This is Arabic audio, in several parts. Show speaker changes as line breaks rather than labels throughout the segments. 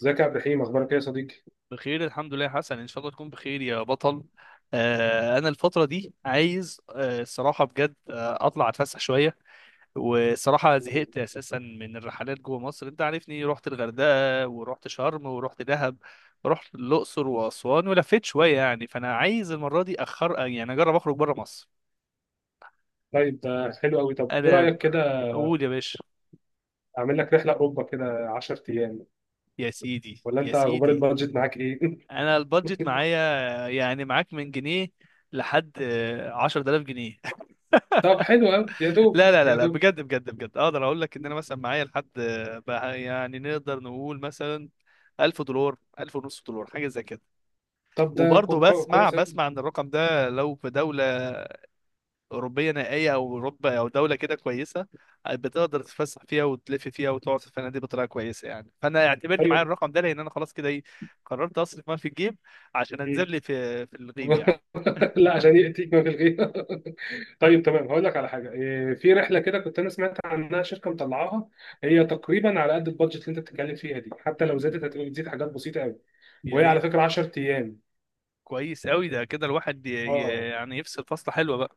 ازيك يا عبد الرحيم، اخبارك ايه يا صديقي؟
بخير الحمد لله يا حسن، ان شاء الله تكون بخير يا بطل. انا الفتره دي عايز، الصراحه بجد اطلع اتفسح شويه. والصراحه زهقت اساسا من الرحلات جوه مصر. انت عارفني، رحت الغردقه ورحت شرم ورحت دهب ورحت الاقصر واسوان ولفيت شويه يعني. فانا عايز المره دي اخر، يعني اجرب اخرج بره مصر.
طيب ده حلو قوي. طب ايه
انا.
رايك كده،
قول يا باشا.
اعمل لك رحله اوروبا كده 10 ايام؟
يا سيدي
ولا
يا
انت اخبار
سيدي.
البادجت معاك ايه؟
انا البادجت معايا. يعني معاك من جنيه لحد عشرة آلاف جنيه.
طب حلو قوي، يا دوب
لا لا لا
يا
لا،
دوب.
بجد بجد بجد، اقدر اقول لك ان انا مثلا معايا لحد، بقى يعني نقدر نقول مثلا $1000، 1000 ونص دولار، حاجه زي كده.
طب ده
وبرضه
كو- كو-
بسمع
كويس قوي.
بسمع ان الرقم ده لو في دوله اوروبيه نائيه، او اوروبا، او دوله كده كويسه، بتقدر تتفسح فيها وتلف فيها وتقعد في الفنادق بطريقه كويسه يعني. فانا اعتبرني
ايوه.
معايا الرقم ده، لان انا خلاص كده ايه، قررت اصرف ما في الجيب عشان
مم.
انزل لي في الغيب يعني.
لا، عشان ياتيك ما في الغيره. طيب تمام، هقول لك على حاجه في رحله كده كنت انا سمعت عنها، شركه مطلعاها. هي تقريبا على قد البادجت اللي انت بتتكلم فيها دي، حتى لو
امم.
زادت هتبقى بتزيد حاجات بسيطه قوي.
يا
وهي على
ريت.
فكره 10 ايام.
كويس قوي، ده كده الواحد
اه.
يعني يفصل فصله حلوه بقى.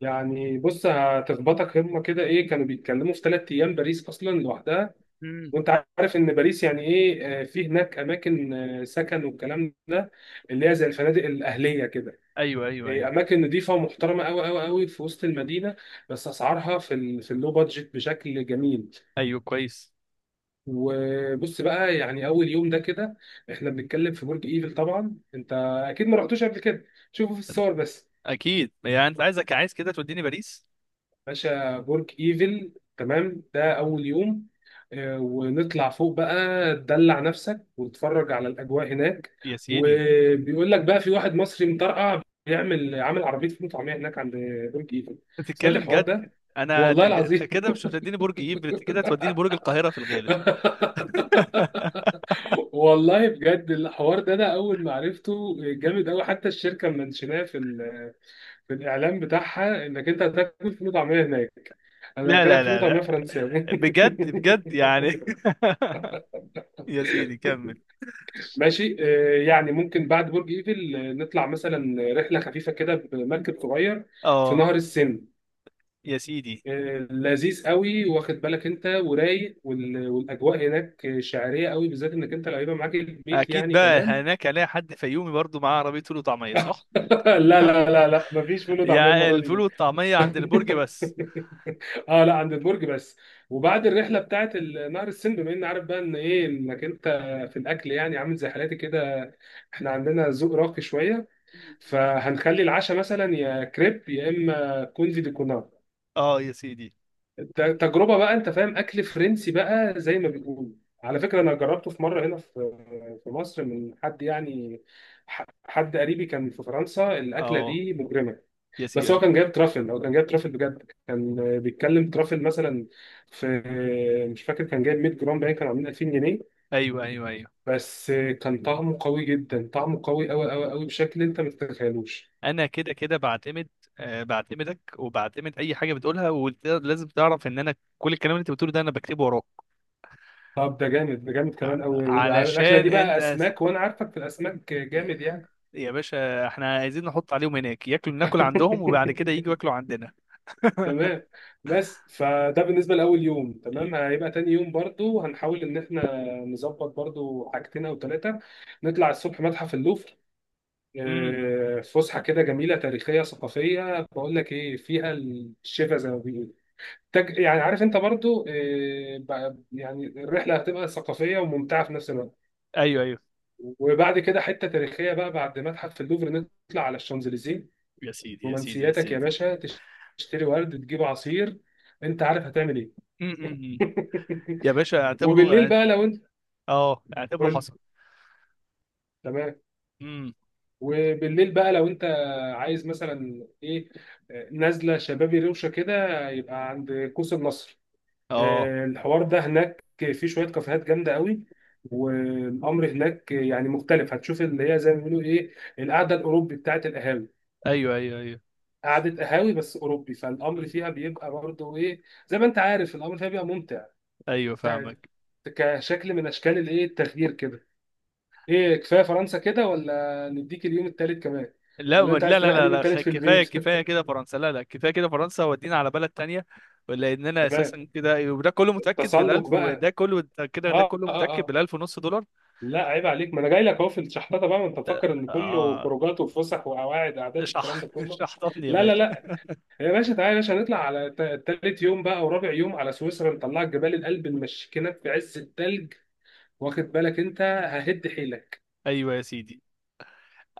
يعني بص، هتخبطك هما كده ايه، كانوا بيتكلموا في ثلاث ايام باريس اصلا لوحدها.
إمم.
وانت عارف ان باريس يعني ايه. في هناك اماكن، سكن والكلام ده، اللي هي زي الفنادق الاهليه كده.
ايوه ايوه ايوه.
اماكن نظيفه ومحترمه قوي قوي قوي، في وسط المدينه، بس اسعارها في اللو بادجت بشكل جميل.
ايوه كويس.
وبص بقى، يعني اول يوم ده كده احنا بنتكلم في برج ايفل. طبعا انت اكيد ما رحتوش قبل كده، شوفوا في الصور بس.
اكيد يعني، انت عايز كده توديني باريس.
باشا، برج ايفل تمام، ده اول يوم. ونطلع فوق بقى، تدلع نفسك وتتفرج على الاجواء هناك.
يا سيدي.
وبيقول لك بقى في واحد مصري مطرقع بيعمل، عامل عربيه فول وطعميه هناك عند برج ايفل.
انت
سمعت
بتتكلم
الحوار
جد؟
ده؟
انا
والله
انت
العظيم.
كده مش هتوديني برج ايفل، انت كده هتوديني برج القاهره في الغالب.
والله بجد الحوار ده انا اول ما عرفته جامد قوي، حتى الشركه منشناه في الإعلان بتاعها، إنك أنت هتاكل فول وطعمية هناك. أنا
لا لا
أكلك فول
لا
وطعمية
لا.
فرنساوي.
بجد بجد يعني. يا سيدي كمل.
ماشي، يعني ممكن بعد برج إيفل نطلع مثلا رحلة خفيفة كده بمركب صغير في
اه
نهر السن.
يا سيدي.
لذيذ قوي، واخد بالك أنت ورايق، والأجواء هناك شعرية قوي، بالذات إنك أنت اللي هيبقى معاك البيت
اكيد
يعني
بقى
كمان.
هناك الاقي حد فيومي برضو معاه عربيه فول وطعميه، صح؟
لا لا لا لا، مفيش فول وطعمية
يعني
المرة دي.
الفول والطعميه عند البرج بس.
اه، لا، عند البرج بس. وبعد الرحله بتاعت نهر السن، بما اني عارف بقى ان ايه، انك انت في الاكل يعني عامل زي حالاتي كده، احنا عندنا ذوق راقي شويه، فهنخلي العشاء مثلا يا كريب يا اما كوندي دي كونار.
اه يا سيدي.
تجربه بقى، انت فاهم، اكل فرنسي بقى زي ما بيقولوا. على فكره انا جربته في مره هنا في في مصر من حد يعني، حد قريبي كان في فرنسا. الاكله
اه
دي مجرمه.
يا
بس هو
سيدي.
كان جايب ترافل، هو كان جايب ترافل بجد، كان بيتكلم ترافل مثلا في، مش فاكر كان جايب 100 جرام، باين كانوا عاملين 2000 جنيه.
ايوه ايوه ايوه.
بس كان طعمه قوي جدا، طعمه قوي قوي قوي قوي بشكل انت ما تتخيلوش.
انا كده كده بعتمد، بعتمدك وبعتمد اي حاجه بتقولها. ولازم تعرف ان انا كل الكلام اللي انت بتقوله ده انا بكتبه وراك.
طب ده جامد، ده جامد كمان قوي، الاكله
علشان
دي بقى
انت
اسماك وانا عارفك في الاسماك جامد يعني.
يا باشا احنا عايزين نحط عليهم هناك ياكلوا، ناكل عندهم وبعد كده يجوا ياكلوا عندنا.
تمام. بس فده بالنسبه لاول يوم تمام. هيبقى تاني يوم برضو هنحاول ان احنا نظبط برضو حاجتين او ثلاثه. نطلع الصبح متحف اللوفر.
امم.
فسحه كده جميله، تاريخيه ثقافيه، بقول لك ايه فيها، الشفا زي ما بيقولوا. يعني عارف انت برضو، يعني الرحله هتبقى ثقافيه وممتعه في نفس الوقت.
ايوه ايوه.
وبعد كده حته تاريخيه بقى، بعد متحف اللوفر نطلع على الشانزليزيه.
يا سيدي يا سيدي يا
رومانسياتك يا
سيدي.
باشا، تشتري ورد، تجيب عصير، انت عارف هتعمل ايه.
أمم، أمم، أمم. يا باشا اعتبره،
وبالليل
اه.
بقى لو انت،
اه، اعتبره
قول.
حصل.
تمام.
امم.
وبالليل بقى لو انت عايز مثلا ايه، نازله شبابي روشه كده، يبقى عند قوس النصر.
اه.
الحوار ده هناك، في شويه كافيهات جامده قوي، والامر هناك يعني مختلف، هتشوف اللي هي زي ما بيقولوا ايه، القعده الاوروبي بتاعت القهاوي.
ايوه ايوه ايوه.
قعده قهاوي بس اوروبي، فالامر
امم.
فيها بيبقى برضه ايه، زي ما انت عارف، الامر فيها بيبقى ممتع.
ايوه
ت-
فاهمك.
كشكل من اشكال الايه، التغيير كده. ايه، كفايه فرنسا كده ولا نديك اليوم التالت كمان،
لا،
ولا انت
لا
عايز
لا
تريح
لا
اليوم
لا،
التالت في
كفايه
البيت؟
كفايه كده فرنسا، لا لا كفايه كده فرنسا، ودينا على بلد تانية. لاننا
تمام،
اساسا كده، وده كله متاكد
التسلق
بالالف، وده
بقى.
كله، ده كده ده
اه
كله
اه
متاكد
اه،
بالالف ونص دولار.
لا عيب عليك، ما انا جاي لك اهو في الشحطه بقى، ما انت مفكر ان كله
اه.
خروجات وفسح وقواعد قعدات والكلام
اشرح
ده كله.
اشرح لي يا
لا لا
باشا.
لا، يا باشا تعالى، يا باشا نطلع على تالت يوم بقى ورابع يوم على سويسرا، نطلعك جبال الألب نمشيكنك في عز التلج. واخد بالك انت، ههد حيلك.
ايوه يا سيدي.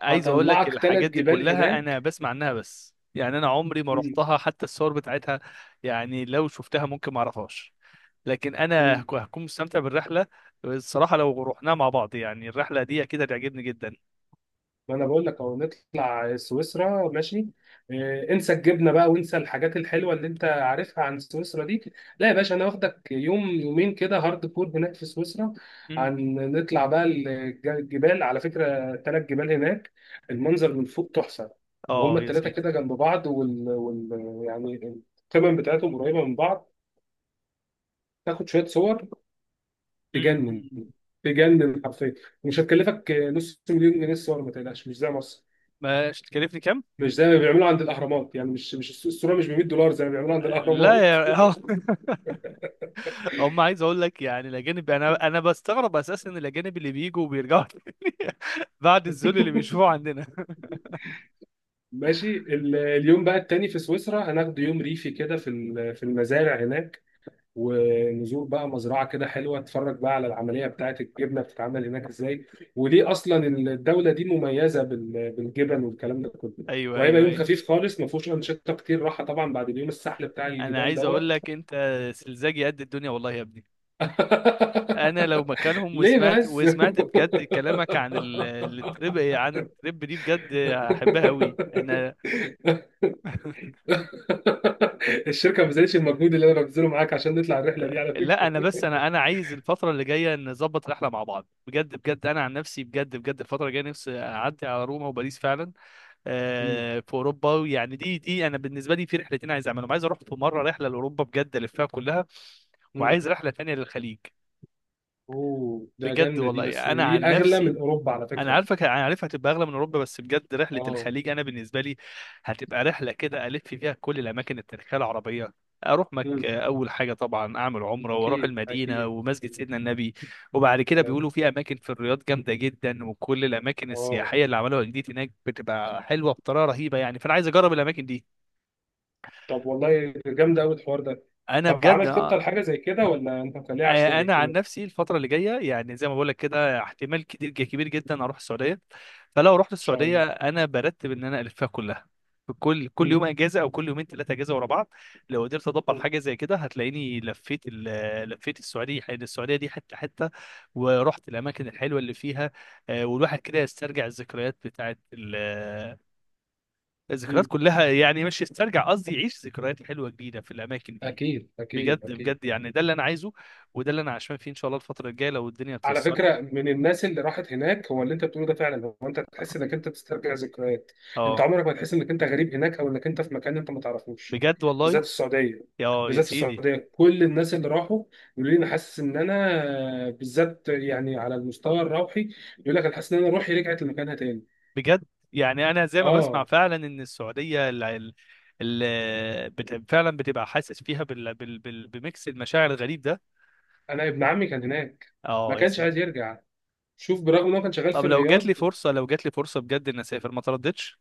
عايز اقول لك
هطلعك
الحاجات
تلات
دي
جبال
كلها انا
هناك.
بسمع عنها بس يعني انا عمري ما
مم.
رحتها، حتى الصور بتاعتها يعني لو شفتها ممكن ما اعرفهاش. لكن انا
مم.
هكون مستمتع بالرحله. الصراحه لو رحناها مع بعض يعني، الرحله دي اكيد هتعجبني جدا.
ما انا بقول لك اهو نطلع سويسرا ماشي. انسى الجبنه بقى، وانسى الحاجات الحلوه اللي انت عارفها عن سويسرا دي. لا يا باشا، انا واخدك يوم يومين كده هارد كور هناك في سويسرا.
مم.
عن نطلع بقى الجبال، على فكره ثلاث جبال هناك، المنظر من فوق تحفه. وهما
اه يا
الثلاثه
سيدي.
كده جنب بعض، يعني القمم بتاعتهم قريبه من بعض. تاخد شويه صور، تجنن،
مم.
تجنن حرفيا. مش هتكلفك نص مليون جنيه الصور ما تقلقش، مش زي مصر،
ما تكلفني كام؟
مش زي ما بيعملوا عند الاهرامات، يعني مش الصوره مش ب 100 دولار زي ما بيعملوا عند
لا
الاهرامات.
يا اه. هم، عايز اقول لك يعني، الاجانب، انا بستغرب اساسا إن الاجانب اللي بيجوا وبيرجعوا تاني بعد الذل اللي بيشوفوه عندنا.
ماشي، اليوم بقى التاني في سويسرا هناخد يوم ريفي كده في المزارع هناك. ونزور بقى مزرعة كده حلوة، اتفرج بقى على العملية بتاعة الجبنة بتتعمل هناك ازاي، وليه اصلا الدولة دي مميزة بالجبن والكلام ده كله.
ايوه
وهيبقى
ايوه
يوم
ايوه.
خفيف خالص ما فيهوش أنشطة كتير، راحة طبعا بعد اليوم السحل بتاع
انا
الجبال
عايز اقول
دوت.
لك انت سلزاجي قد الدنيا والله يا ابني. انا لو مكانهم
ليه
وسمعت
بس؟
وسمعت بجد كلامك عن التريب دي، بجد هحبها قوي انا.
الشركه ما بذلتش المجهود اللي انا ببذله معاك عشان نطلع الرحله دي على
لا
فكره.
انا بس انا عايز الفتره اللي جايه نظبط رحله مع بعض بجد. بجد انا عن نفسي، بجد بجد، الفتره الجايه نفسي اعدي على روما وباريس فعلا،
مم.
في اوروبا. ويعني دي انا بالنسبه لي في رحلتين عايز اعملهم: عايز اروح في مره رحله لاوروبا بجد الفها كلها،
مم.
وعايز رحله تانية للخليج.
اوه، ده
بجد
جامده دي، بس
والله انا
دي
عن
اغلى
نفسي،
من اوروبا على
انا
فكره.
عارفك، انا عارف هتبقى اغلى من اوروبا، بس بجد رحله
اه.
الخليج انا بالنسبه لي هتبقى رحله كده الف فيها كل الاماكن التاريخيه العربيه. اروح
مم.
اول حاجه طبعا اعمل عمره واروح
اكيد
المدينه
اكيد
ومسجد
اكيد.
سيدنا النبي. وبعد كده
أنا-
بيقولوا في اماكن في الرياض جامده جدا، وكل الاماكن
اه.
السياحيه اللي عملوها جديد هناك بتبقى حلوه بطريقه رهيبه يعني. فانا عايز اجرب الاماكن دي.
طب والله جامده قوي الحوار ده.
انا
طب
بجد.
عامل خطه لحاجه زي كده ولا انت مخليها عشوائي
انا
كده؟
عن
ان
نفسي الفتره اللي جايه، يعني زي ما بقول لك كده، احتمال كتير كبير جدا اروح السعوديه. فلو رحت
شاء
السعوديه
الله.
انا برتب ان انا الفها كلها. كل
مم.
يوم اجازه، او كل يومين ثلاثه اجازه ورا بعض. لو قدرت ادبر حاجه زي كده هتلاقيني لفيت السعوديه. السعوديه دي حته حته، ورحت الاماكن الحلوه اللي فيها. والواحد كده يسترجع الذكريات بتاعت الذكريات
مم.
كلها يعني، مش يسترجع، قصدي يعيش ذكريات حلوه جديده في الاماكن دي.
اكيد اكيد
بجد
اكيد.
بجد يعني ده اللي انا عايزه، وده اللي انا عشمان فيه ان شاء الله الفتره الجايه لو الدنيا
على
اتيسرت.
فكرة من الناس اللي راحت هناك، هو اللي انت بتقوله ده فعلا، هو انت تحس انك انت بتسترجع ذكريات. انت
اه.
عمرك ما تحس انك انت غريب هناك، او انك انت في مكان انت ما تعرفوش.
بجد والله.
بالذات في السعودية،
يا
بالذات في
سيدي.
السعودية كل الناس اللي راحوا يقولوا لي، انا حاسس ان انا بالذات يعني على المستوى الروحي، يقول لك انا حاسس ان انا روحي رجعت لمكانها تاني.
بجد يعني انا زي ما بسمع
اه.
فعلا ان السعوديه فعلا بتبقى حاسس فيها بميكس المشاعر الغريب ده.
انا ابن عمي كان هناك، ما
اه يا
كانش عايز
سيدي.
يرجع. شوف برغم ان هو كان شغال في
طب
الرياض.
لو جات لي فرصه بجد ان اسافر، ما ترددش.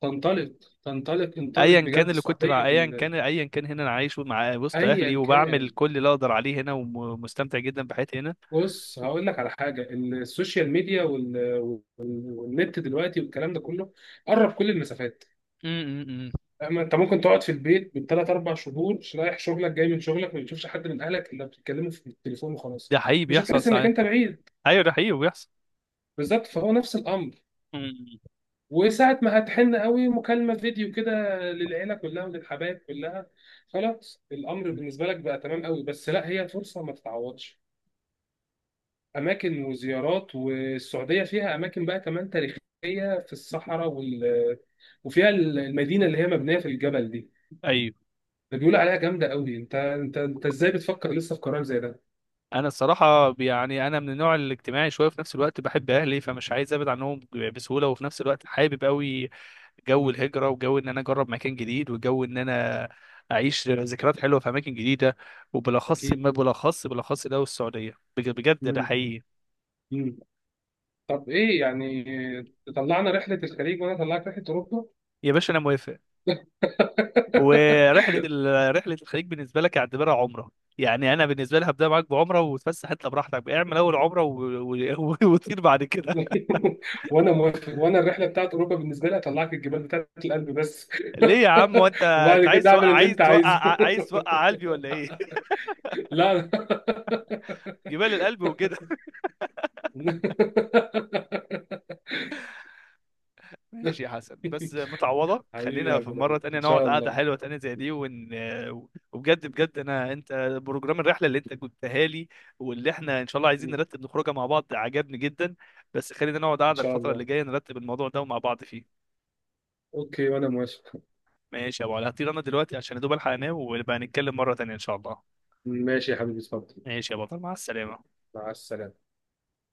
تنطلق، تنطلق، انطلق
ايا
بجد.
كان اللي كنت
السعودية
مع، ايا كان ايا كان هنا انا عايش مع وسط اهلي
ايا
وبعمل
كان.
كل اللي اقدر عليه هنا ومستمتع جدا بحياتي هنا.
بص هقول لك على حاجه، السوشيال ميديا والنت دلوقتي والكلام ده كله قرب كل المسافات.
م- م- م.
أما انت ممكن تقعد في البيت من ثلاث اربع شهور مش رايح شغلك جاي من شغلك، ما بتشوفش حد من اهلك الا بتتكلموا في التليفون وخلاص.
ده حقيقي
مش
بيحصل
هتحس انك
ساعات.
انت بعيد.
ايوه ده حقيقي وبيحصل.
بالظبط، فهو نفس الامر.
مم.
وساعه ما هتحن قوي، مكالمه فيديو كده للعيله كلها وللحبايب كلها، خلاص الامر بالنسبه لك بقى تمام قوي. بس لا، هي فرصه ما تتعوضش، اماكن وزيارات، والسعوديه فيها اماكن بقى كمان تاريخيه في الصحراء وفيها المدينه اللي هي مبنيه في الجبل دي،
ايوه.
ده بيقول عليها جامده قوي. انت ازاي بتفكر لسه في قرار زي ده؟
انا الصراحه يعني انا من النوع الاجتماعي شويه، في نفس الوقت بحب اهلي فمش عايز ابعد عنهم بسهوله، وفي نفس الوقت حابب قوي جو
مم.
الهجره، وجو ان انا اجرب مكان جديد، وجو ان انا اعيش ذكريات حلوه في اماكن جديده. وبالاخص
اكيد.
ما بالاخص بالاخص ده. والسعوديه بجد ده
مم.
حقيقي.
مم. طب ايه يعني، طلعنا رحله الخليج وانا طلعت رحله اوروبا.
يا باشا انا موافق. ورحله رحله الخليج بالنسبه لك اعتبرها عمره. يعني انا بالنسبه لي هبدا معاك بعمره وتفسح انت براحتك، اعمل اول عمره وتطير بعد كده.
وانا موافق، وانا الرحله بتاعت اوروبا بالنسبه لي هطلعك الجبال بتاعت القلب بس.
ليه يا عم؟ هو انت انت
وبعد
عايز
كده
توقع
اعمل اللي
عايز
انت
توقع
عايزه.
عايز توقع قلبي ولا ايه؟
لا.
جبال القلب وكده. ماشي يا حسن، بس متعوضه،
حبيبي يا
خلينا
عبد
في مره
الرحيم
تانية
ان
نقعد
شاء
قعده
الله.
حلوه تانية زي دي وبجد بجد انا، انت بروجرام الرحله اللي انت جبتها لي واللي احنا ان شاء الله عايزين نرتب نخرجها مع بعض عجبني جدا. بس خلينا نقعد
ان
قعده
شاء
الفتره
الله.
اللي جايه نرتب الموضوع ده ومع بعض فيه.
اوكي وانا موافق.
ماشي يا ابو علي، هطير انا دلوقتي عشان يا دوب الحق انام، ونبقى نتكلم مره تانية ان شاء الله.
ماشي يا حبيبي، اتفضل.
ماشي يا بطل، مع السلامه.
مع السلامه.